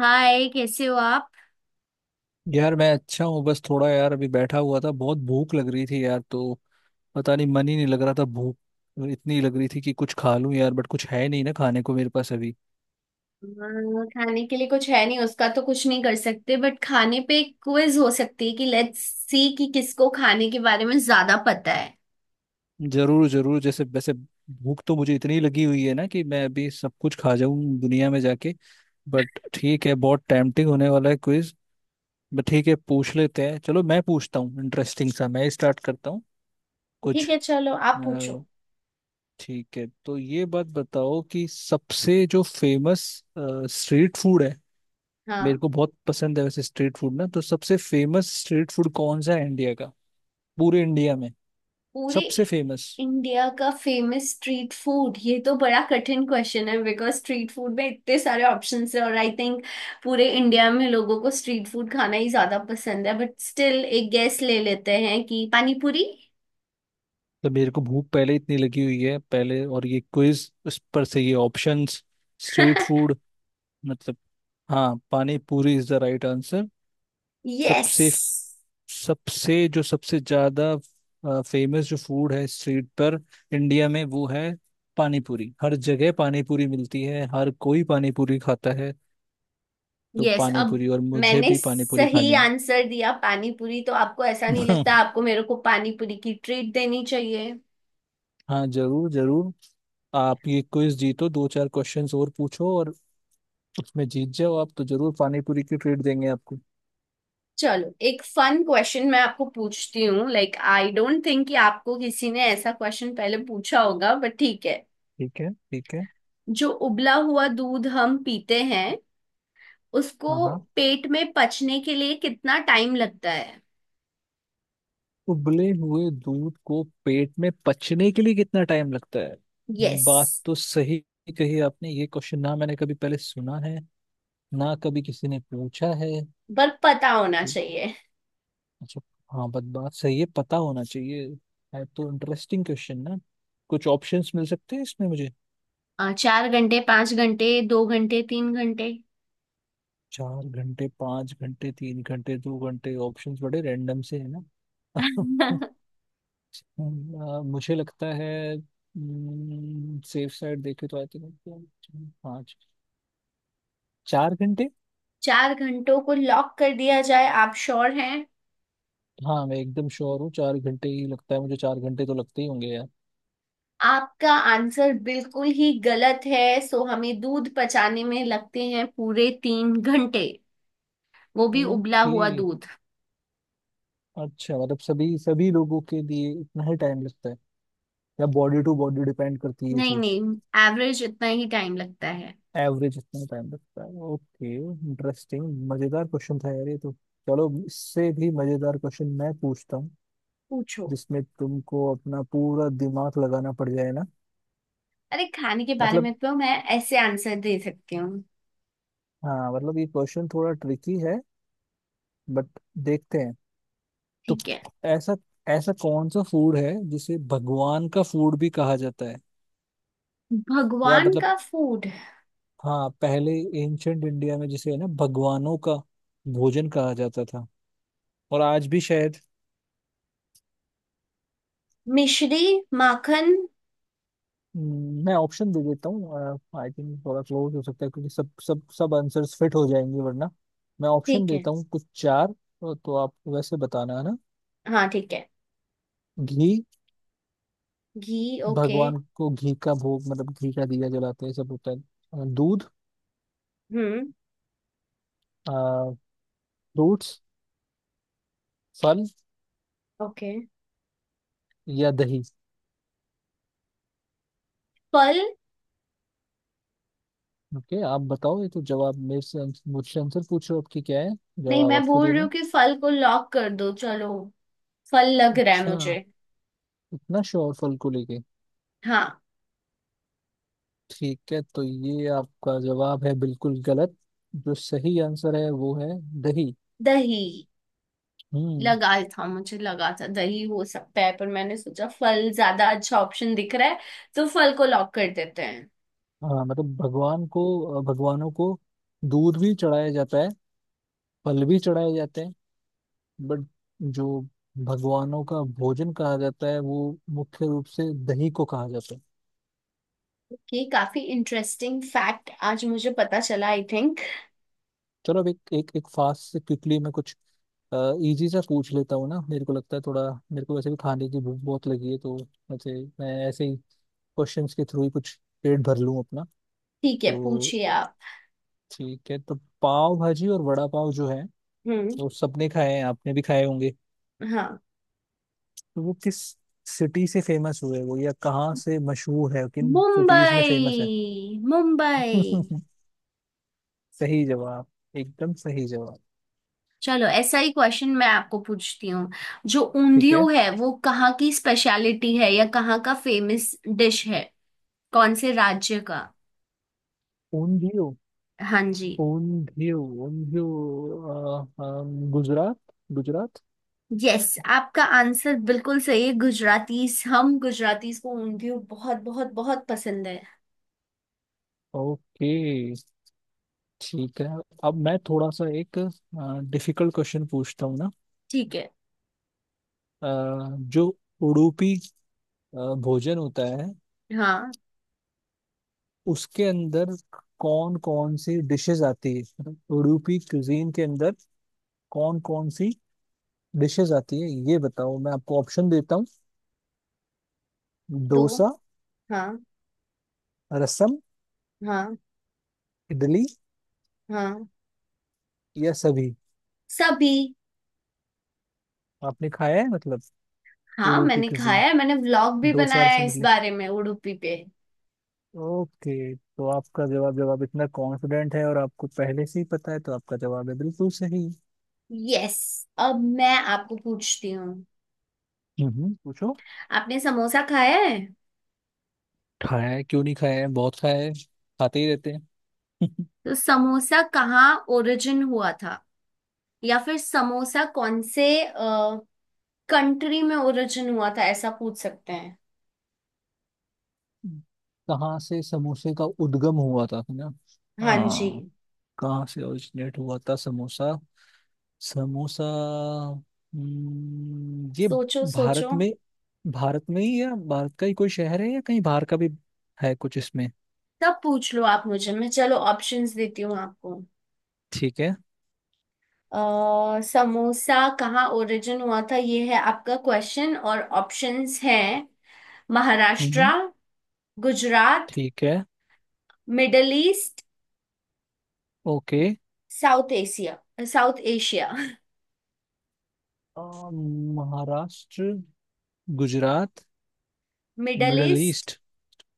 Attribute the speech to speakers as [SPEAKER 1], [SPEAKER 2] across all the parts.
[SPEAKER 1] हाय, कैसे हो आप।
[SPEAKER 2] यार मैं अच्छा हूँ। बस थोड़ा यार अभी बैठा हुआ था। बहुत भूख लग रही थी यार तो पता नहीं मन ही नहीं लग रहा था। भूख इतनी लग रही थी कि कुछ खा लूं यार बट कुछ है नहीं ना खाने को मेरे पास अभी।
[SPEAKER 1] हाँ, खाने के लिए कुछ है नहीं, उसका तो कुछ नहीं कर सकते, बट खाने पे एक क्विज हो सकती है कि लेट्स सी कि किसको खाने के बारे में ज्यादा पता है।
[SPEAKER 2] जरूर जरूर जैसे वैसे। भूख तो मुझे इतनी लगी हुई है ना कि मैं अभी सब कुछ खा जाऊं दुनिया में जाके। बट ठीक है बहुत टेम्पटिंग होने वाला है क्विज। बट ठीक है पूछ लेते हैं चलो मैं पूछता हूँ इंटरेस्टिंग सा मैं स्टार्ट करता हूँ
[SPEAKER 1] ठीक
[SPEAKER 2] कुछ।
[SPEAKER 1] है, चलो आप पूछो।
[SPEAKER 2] अ, ठीक है तो ये बात बताओ कि सबसे जो फेमस स्ट्रीट फूड है। मेरे
[SPEAKER 1] हाँ।
[SPEAKER 2] को बहुत पसंद है वैसे स्ट्रीट फूड ना। तो सबसे फेमस स्ट्रीट फूड कौन सा है इंडिया का? पूरे इंडिया में
[SPEAKER 1] पूरे।
[SPEAKER 2] सबसे फेमस।
[SPEAKER 1] इंडिया का फेमस स्ट्रीट फूड, ये तो बड़ा कठिन क्वेश्चन है बिकॉज स्ट्रीट फूड में इतने सारे ऑप्शंस हैं, और आई थिंक पूरे इंडिया में लोगों को स्ट्रीट फूड खाना ही ज्यादा पसंद है, बट स्टिल एक गैस ले लेते हैं कि पानी पूरी।
[SPEAKER 2] तो मेरे को भूख पहले इतनी लगी हुई है पहले और ये क्विज उस पर से ये ऑप्शंस स्ट्रीट फूड। मतलब। हाँ, pani puri is the right answer.
[SPEAKER 1] Yes.
[SPEAKER 2] सबसे सबसे जो सबसे ज्यादा फेमस जो फूड है स्ट्रीट पर इंडिया में वो है पानी पूरी। हर जगह पानी पूरी मिलती है। हर कोई पानी पूरी खाता है। तो
[SPEAKER 1] यस,
[SPEAKER 2] पानी
[SPEAKER 1] अब
[SPEAKER 2] पूरी और मुझे
[SPEAKER 1] मैंने
[SPEAKER 2] भी पानी पूरी
[SPEAKER 1] सही
[SPEAKER 2] खानी
[SPEAKER 1] आंसर दिया पानी पूरी, तो आपको ऐसा नहीं
[SPEAKER 2] है।
[SPEAKER 1] लगता आपको मेरे को पानी पूरी की ट्रीट देनी चाहिए।
[SPEAKER 2] हाँ जरूर जरूर। आप ये क्विज जीतो दो चार क्वेश्चंस और पूछो और उसमें जीत जाओ आप तो जरूर पानी पूरी की ट्रीट देंगे आपको।
[SPEAKER 1] चलो, एक फन क्वेश्चन मैं आपको पूछती हूँ। लाइक आई डोंट थिंक कि आपको किसी ने ऐसा क्वेश्चन पहले पूछा होगा, बट ठीक है।
[SPEAKER 2] ठीक है ठीक है।
[SPEAKER 1] जो उबला हुआ दूध हम पीते हैं उसको
[SPEAKER 2] हाँ हाँ।
[SPEAKER 1] पेट में पचने के लिए कितना टाइम लगता है।
[SPEAKER 2] उबले हुए दूध को पेट में पचने के लिए कितना टाइम लगता है?
[SPEAKER 1] यस।
[SPEAKER 2] बात तो सही कही आपने। ये क्वेश्चन ना मैंने कभी पहले सुना है ना कभी किसी ने पूछा है।
[SPEAKER 1] पर पता होना चाहिए।
[SPEAKER 2] अच्छा। हाँ, बात बात सही है। पता होना चाहिए। है तो इंटरेस्टिंग क्वेश्चन ना। कुछ ऑप्शंस मिल सकते हैं इसमें मुझे।
[SPEAKER 1] चार घंटे, पांच घंटे, दो घंटे, तीन घंटे।
[SPEAKER 2] चार घंटे पांच घंटे तीन घंटे दो घंटे ऑप्शंस बड़े रैंडम से है ना। मुझे लगता है सेफ साइड देखे तो आई थिंक पाँच चार घंटे।
[SPEAKER 1] चार घंटों को लॉक कर दिया जाए, आप श्योर हैं।
[SPEAKER 2] हाँ मैं एकदम श्योर हूँ। चार घंटे ही लगता है मुझे। चार घंटे तो लगते ही होंगे यार।
[SPEAKER 1] आपका आंसर बिल्कुल ही गलत है। सो हमें दूध पचाने में लगते हैं पूरे तीन घंटे, वो भी उबला
[SPEAKER 2] ओके।
[SPEAKER 1] हुआ दूध।
[SPEAKER 2] अच्छा मतलब सभी सभी लोगों के लिए इतना ही टाइम लगता है या बॉडी टू बॉडी डिपेंड करती है ये
[SPEAKER 1] नहीं
[SPEAKER 2] चीज?
[SPEAKER 1] नहीं, एवरेज इतना ही टाइम लगता है।
[SPEAKER 2] एवरेज इतना टाइम लगता है। Okay interesting. मजेदार क्वेश्चन था यार ये तो। चलो इससे भी मजेदार क्वेश्चन मैं पूछता हूँ
[SPEAKER 1] पूछो।
[SPEAKER 2] जिसमें तुमको अपना पूरा दिमाग लगाना पड़ जाए ना।
[SPEAKER 1] अरे, खाने के बारे में
[SPEAKER 2] मतलब।
[SPEAKER 1] तो मैं ऐसे आंसर दे सकती हूँ।
[SPEAKER 2] हाँ मतलब ये क्वेश्चन थोड़ा ट्रिकी है। बट देखते हैं। तो
[SPEAKER 1] ठीक है।
[SPEAKER 2] ऐसा ऐसा कौन सा फूड है जिसे भगवान का फूड भी कहा जाता है? या
[SPEAKER 1] भगवान
[SPEAKER 2] मतलब
[SPEAKER 1] का फूड।
[SPEAKER 2] हाँ पहले एंशंट इंडिया में जिसे है ना भगवानों का भोजन कहा जाता था। और आज भी शायद।
[SPEAKER 1] मिश्री। माखन।
[SPEAKER 2] मैं ऑप्शन दे देता हूँ। आई थिंक थोड़ा क्लोज हो सकता है क्योंकि सब सब सब आंसर्स फिट हो जाएंगे वरना। मैं ऑप्शन
[SPEAKER 1] ठीक है।
[SPEAKER 2] देता हूँ कुछ चार तो आप वैसे बताना है ना।
[SPEAKER 1] हाँ ठीक है।
[SPEAKER 2] घी।
[SPEAKER 1] घी, ओके।
[SPEAKER 2] भगवान को घी का भोग मतलब घी का दिया जलाते हैं सब होता है। दूध।
[SPEAKER 1] हम्म।
[SPEAKER 2] फ्रूट्स फल
[SPEAKER 1] ओके।
[SPEAKER 2] या दही।
[SPEAKER 1] फल।
[SPEAKER 2] ओके आप बताओ ये तो जवाब मेरे से मुझसे आंसर पूछ रहे हो आपकी क्या है?
[SPEAKER 1] नहीं,
[SPEAKER 2] जवाब
[SPEAKER 1] मैं
[SPEAKER 2] आपको
[SPEAKER 1] बोल रही
[SPEAKER 2] देना
[SPEAKER 1] हूँ
[SPEAKER 2] है।
[SPEAKER 1] कि फल को लॉक कर दो चलो। फल लग रहा है
[SPEAKER 2] अच्छा
[SPEAKER 1] मुझे।
[SPEAKER 2] इतना श्योर फल को लेके?
[SPEAKER 1] हाँ।
[SPEAKER 2] ठीक है तो ये आपका जवाब है बिल्कुल गलत। जो सही आंसर है वो है दही।
[SPEAKER 1] दही।
[SPEAKER 2] हम्म।
[SPEAKER 1] लगा था, मुझे लगा था दही हो सकता है पर मैंने सोचा फल ज्यादा अच्छा ऑप्शन दिख रहा है, तो फल को लॉक कर देते हैं।
[SPEAKER 2] हाँ मतलब भगवान को भगवानों को दूध भी चढ़ाया जाता है। फल भी चढ़ाए जाते हैं। बट जो भगवानों का भोजन कहा जाता है वो मुख्य रूप से दही को कहा जाता है।
[SPEAKER 1] ओके, काफी इंटरेस्टिंग फैक्ट आज मुझे पता चला आई थिंक।
[SPEAKER 2] चलो अब एक एक, एक फास्ट से क्विकली मैं कुछ इजी सा पूछ लेता हूँ ना। मेरे को लगता है थोड़ा मेरे को वैसे भी खाने की भूख बहुत लगी है तो वैसे मैं ऐसे ही क्वेश्चंस के थ्रू ही कुछ पेट भर लूँ अपना।
[SPEAKER 1] ठीक है,
[SPEAKER 2] तो
[SPEAKER 1] पूछिए आप।
[SPEAKER 2] ठीक है तो पाव भाजी और वड़ा पाव जो है
[SPEAKER 1] हम्म।
[SPEAKER 2] वो सबने खाए हैं आपने भी खाए होंगे।
[SPEAKER 1] हाँ।
[SPEAKER 2] तो वो किस सिटी से फेमस हुए वो या कहाँ से मशहूर है किन सिटीज में
[SPEAKER 1] मुंबई,
[SPEAKER 2] फेमस है?
[SPEAKER 1] मुंबई।
[SPEAKER 2] सही जवाब। एकदम सही जवाब।
[SPEAKER 1] चलो, ऐसा ही क्वेश्चन मैं आपको पूछती हूँ। जो
[SPEAKER 2] ठीक
[SPEAKER 1] ऊंधियो
[SPEAKER 2] है।
[SPEAKER 1] है वो कहाँ की स्पेशलिटी है, या कहाँ का फेमस डिश है। कौन से राज्य का।
[SPEAKER 2] ऊंधियो
[SPEAKER 1] हाँ जी।
[SPEAKER 2] ऊंधियो ऊंधियो। गुजरात गुजरात।
[SPEAKER 1] यस, आपका आंसर बिल्कुल सही है। गुजरातीस, हम गुजरातीस को ऊंधियो बहुत बहुत बहुत पसंद है।
[SPEAKER 2] ओके ठीक है। अब मैं थोड़ा सा एक डिफिकल्ट क्वेश्चन पूछता हूँ ना।
[SPEAKER 1] ठीक है।
[SPEAKER 2] अ, जो उडुपी भोजन होता है
[SPEAKER 1] हाँ।
[SPEAKER 2] उसके अंदर कौन कौन सी डिशेस आती है मतलब उडुपी क्यूजीन के अंदर कौन कौन सी डिशेस आती है ये बताओ। मैं आपको ऑप्शन देता हूँ।
[SPEAKER 1] तो।
[SPEAKER 2] डोसा
[SPEAKER 1] हाँ।
[SPEAKER 2] रसम
[SPEAKER 1] हाँ।
[SPEAKER 2] इडली
[SPEAKER 1] हाँ।
[SPEAKER 2] या सभी?
[SPEAKER 1] सभी।
[SPEAKER 2] आपने खाया है मतलब?
[SPEAKER 1] हाँ,
[SPEAKER 2] उडुपी
[SPEAKER 1] मैंने
[SPEAKER 2] क्यूजीन
[SPEAKER 1] खाया है, मैंने व्लॉग भी
[SPEAKER 2] डोसा
[SPEAKER 1] बनाया है
[SPEAKER 2] रसम
[SPEAKER 1] इस
[SPEAKER 2] इडली।
[SPEAKER 1] बारे में, उडुपी पे।
[SPEAKER 2] ओके तो आपका जवाब जब आप इतना कॉन्फिडेंट है और आपको पहले से ही पता है तो आपका जवाब है बिल्कुल सही।
[SPEAKER 1] यस, अब मैं आपको पूछती हूँ,
[SPEAKER 2] पूछो।
[SPEAKER 1] आपने समोसा खाया है।
[SPEAKER 2] खाया है क्यों नहीं खाया है बहुत खाया है खाते ही रहते हैं।
[SPEAKER 1] तो समोसा कहाँ ओरिजिन हुआ था, या फिर समोसा कौन से कंट्री में ओरिजिन हुआ था, ऐसा पूछ सकते हैं।
[SPEAKER 2] कहाँ से समोसे का उद्गम हुआ था है ना?
[SPEAKER 1] हाँ जी।
[SPEAKER 2] हाँ। कहाँ से ओरिजिनेट हुआ था समोसा? समोसा। ये
[SPEAKER 1] सोचो सोचो।
[SPEAKER 2] भारत में। भारत में ही या भारत का ही कोई शहर है या कहीं बाहर का भी है कुछ इसमें?
[SPEAKER 1] तब पूछ लो आप मुझे, मैं चलो ऑप्शंस देती हूँ आपको।
[SPEAKER 2] ठीक है।
[SPEAKER 1] समोसा कहाँ ओरिजिन हुआ था ये है आपका क्वेश्चन, और ऑप्शंस हैं। महाराष्ट्र।
[SPEAKER 2] हम्म
[SPEAKER 1] गुजरात।
[SPEAKER 2] ठीक है।
[SPEAKER 1] Middle east.
[SPEAKER 2] Okay.
[SPEAKER 1] South Asia. South Asia.
[SPEAKER 2] Uh, Maharashtra Gujarat
[SPEAKER 1] middle
[SPEAKER 2] middle
[SPEAKER 1] east.
[SPEAKER 2] East.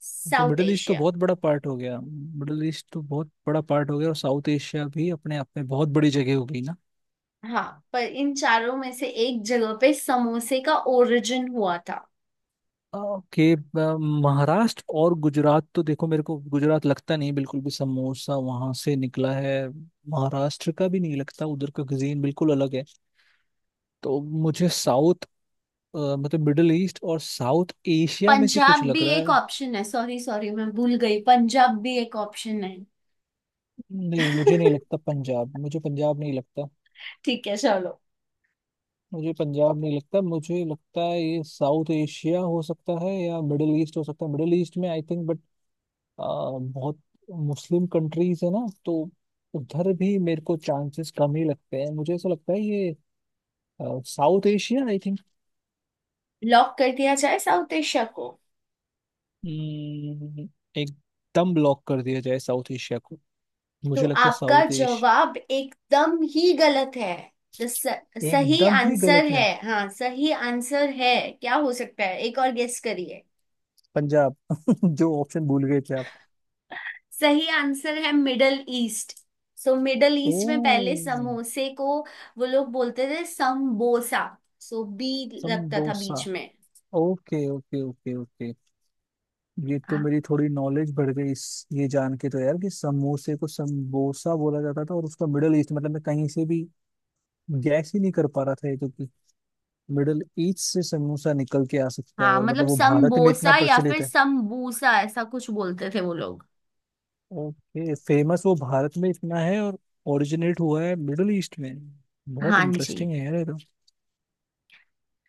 [SPEAKER 2] क्योंकि
[SPEAKER 1] साउथ
[SPEAKER 2] मिडल ईस्ट तो
[SPEAKER 1] एशिया।
[SPEAKER 2] बहुत बड़ा पार्ट हो गया। मिडल ईस्ट तो बहुत बड़ा पार्ट हो गया और साउथ एशिया भी अपने आप में बहुत बड़ी जगह हो गई ना।
[SPEAKER 1] हाँ, पर इन चारों में से एक जगह पे समोसे का ओरिजिन हुआ था।
[SPEAKER 2] ओके। महाराष्ट्र और गुजरात तो देखो मेरे को गुजरात लगता नहीं बिल्कुल भी समोसा वहां से निकला है। महाराष्ट्र का भी नहीं लगता। उधर का cuisine बिल्कुल अलग है। तो मुझे मतलब मिडिल ईस्ट और साउथ एशिया में से
[SPEAKER 1] पंजाब
[SPEAKER 2] कुछ
[SPEAKER 1] भी
[SPEAKER 2] लग रहा
[SPEAKER 1] एक
[SPEAKER 2] है।
[SPEAKER 1] ऑप्शन है, सॉरी सॉरी, मैं भूल गई, पंजाब भी एक ऑप्शन है।
[SPEAKER 2] नहीं मुझे नहीं लगता पंजाब। मुझे पंजाब नहीं लगता।
[SPEAKER 1] ठीक है चलो।
[SPEAKER 2] मुझे पंजाब नहीं लगता। मुझे लगता है ये साउथ एशिया हो सकता है या मिडिल ईस्ट हो सकता है। मिडिल ईस्ट में आई थिंक अ, बहुत मुस्लिम कंट्रीज है ना तो उधर भी मेरे को चांसेस कम ही लगते हैं। मुझे ऐसा लगता है ये south Asia I think.
[SPEAKER 1] Lock कर दिया जाए साउथ एशिया को।
[SPEAKER 2] एकदम ब्लॉक कर दिया जाए साउथ एशिया को।
[SPEAKER 1] तो
[SPEAKER 2] मुझे लगता है
[SPEAKER 1] आपका
[SPEAKER 2] साउथ एशिया।
[SPEAKER 1] जवाब एकदम ही गलत है। तो स, सही
[SPEAKER 2] एकदम ही
[SPEAKER 1] आंसर
[SPEAKER 2] गलत
[SPEAKER 1] है,
[SPEAKER 2] है।
[SPEAKER 1] हाँ सही आंसर है। क्या हो सकता है, एक और गेस करिए।
[SPEAKER 2] पंजाब। जो ऑप्शन भूल गए थे आप।
[SPEAKER 1] सही आंसर है middle east. So middle east में पहले
[SPEAKER 2] ओ
[SPEAKER 1] समोसे को वो लोग बोलते थे समबोसा, सो बी लगता था
[SPEAKER 2] संबोसा
[SPEAKER 1] बीच में।
[SPEAKER 2] Okay okay okay okay. ये तो
[SPEAKER 1] हाँ।
[SPEAKER 2] मेरी थोड़ी नॉलेज बढ़ गई इस ये जान के तो यार कि समोसे को संबोसा बोला जाता था और उसका मिडल ईस्ट मतलब मैं कहीं से भी गैस ही नहीं कर पा रहा था ये तो कि मिडिल ईस्ट से समोसा निकल के आ सकता है
[SPEAKER 1] हाँ,
[SPEAKER 2] और
[SPEAKER 1] मतलब
[SPEAKER 2] मतलब वो भारत में इतना
[SPEAKER 1] समबोसा या फिर
[SPEAKER 2] प्रचलित है।
[SPEAKER 1] समबूसा ऐसा कुछ बोलते थे वो लोग।
[SPEAKER 2] ओके फेमस वो भारत में इतना है और ओरिजिनेट हुआ है मिडिल ईस्ट में। बहुत
[SPEAKER 1] हाँ जी।
[SPEAKER 2] इंटरेस्टिंग है यार ये तो।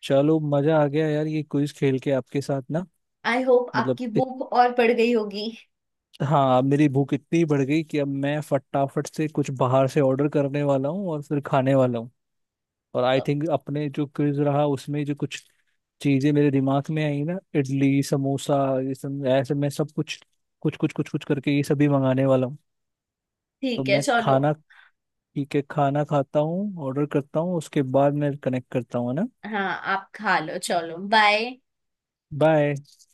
[SPEAKER 2] चलो मजा आ गया यार ये क्विज खेल के आपके साथ ना।
[SPEAKER 1] आई होप
[SPEAKER 2] मतलब
[SPEAKER 1] आपकी भूख और बढ़ गई होगी।
[SPEAKER 2] हाँ मेरी भूख इतनी बढ़ गई कि अब मैं फटाफट से कुछ बाहर से ऑर्डर करने वाला हूँ और फिर खाने वाला हूँ। और आई थिंक अपने जो क्विज रहा उसमें जो कुछ चीजें मेरे दिमाग में आई ना इडली समोसा ये सब ऐसे मैं सब कुछ कुछ कुछ कुछ कुछ करके ये सभी मंगाने वाला हूँ। तो
[SPEAKER 1] ठीक है
[SPEAKER 2] मैं
[SPEAKER 1] चलो।
[SPEAKER 2] खाना ठीक है खाना खाता हूँ ऑर्डर करता हूँ उसके बाद मैं कनेक्ट करता हूँ है ना।
[SPEAKER 1] हाँ, आप खा लो, चलो बाय।
[SPEAKER 2] बाय।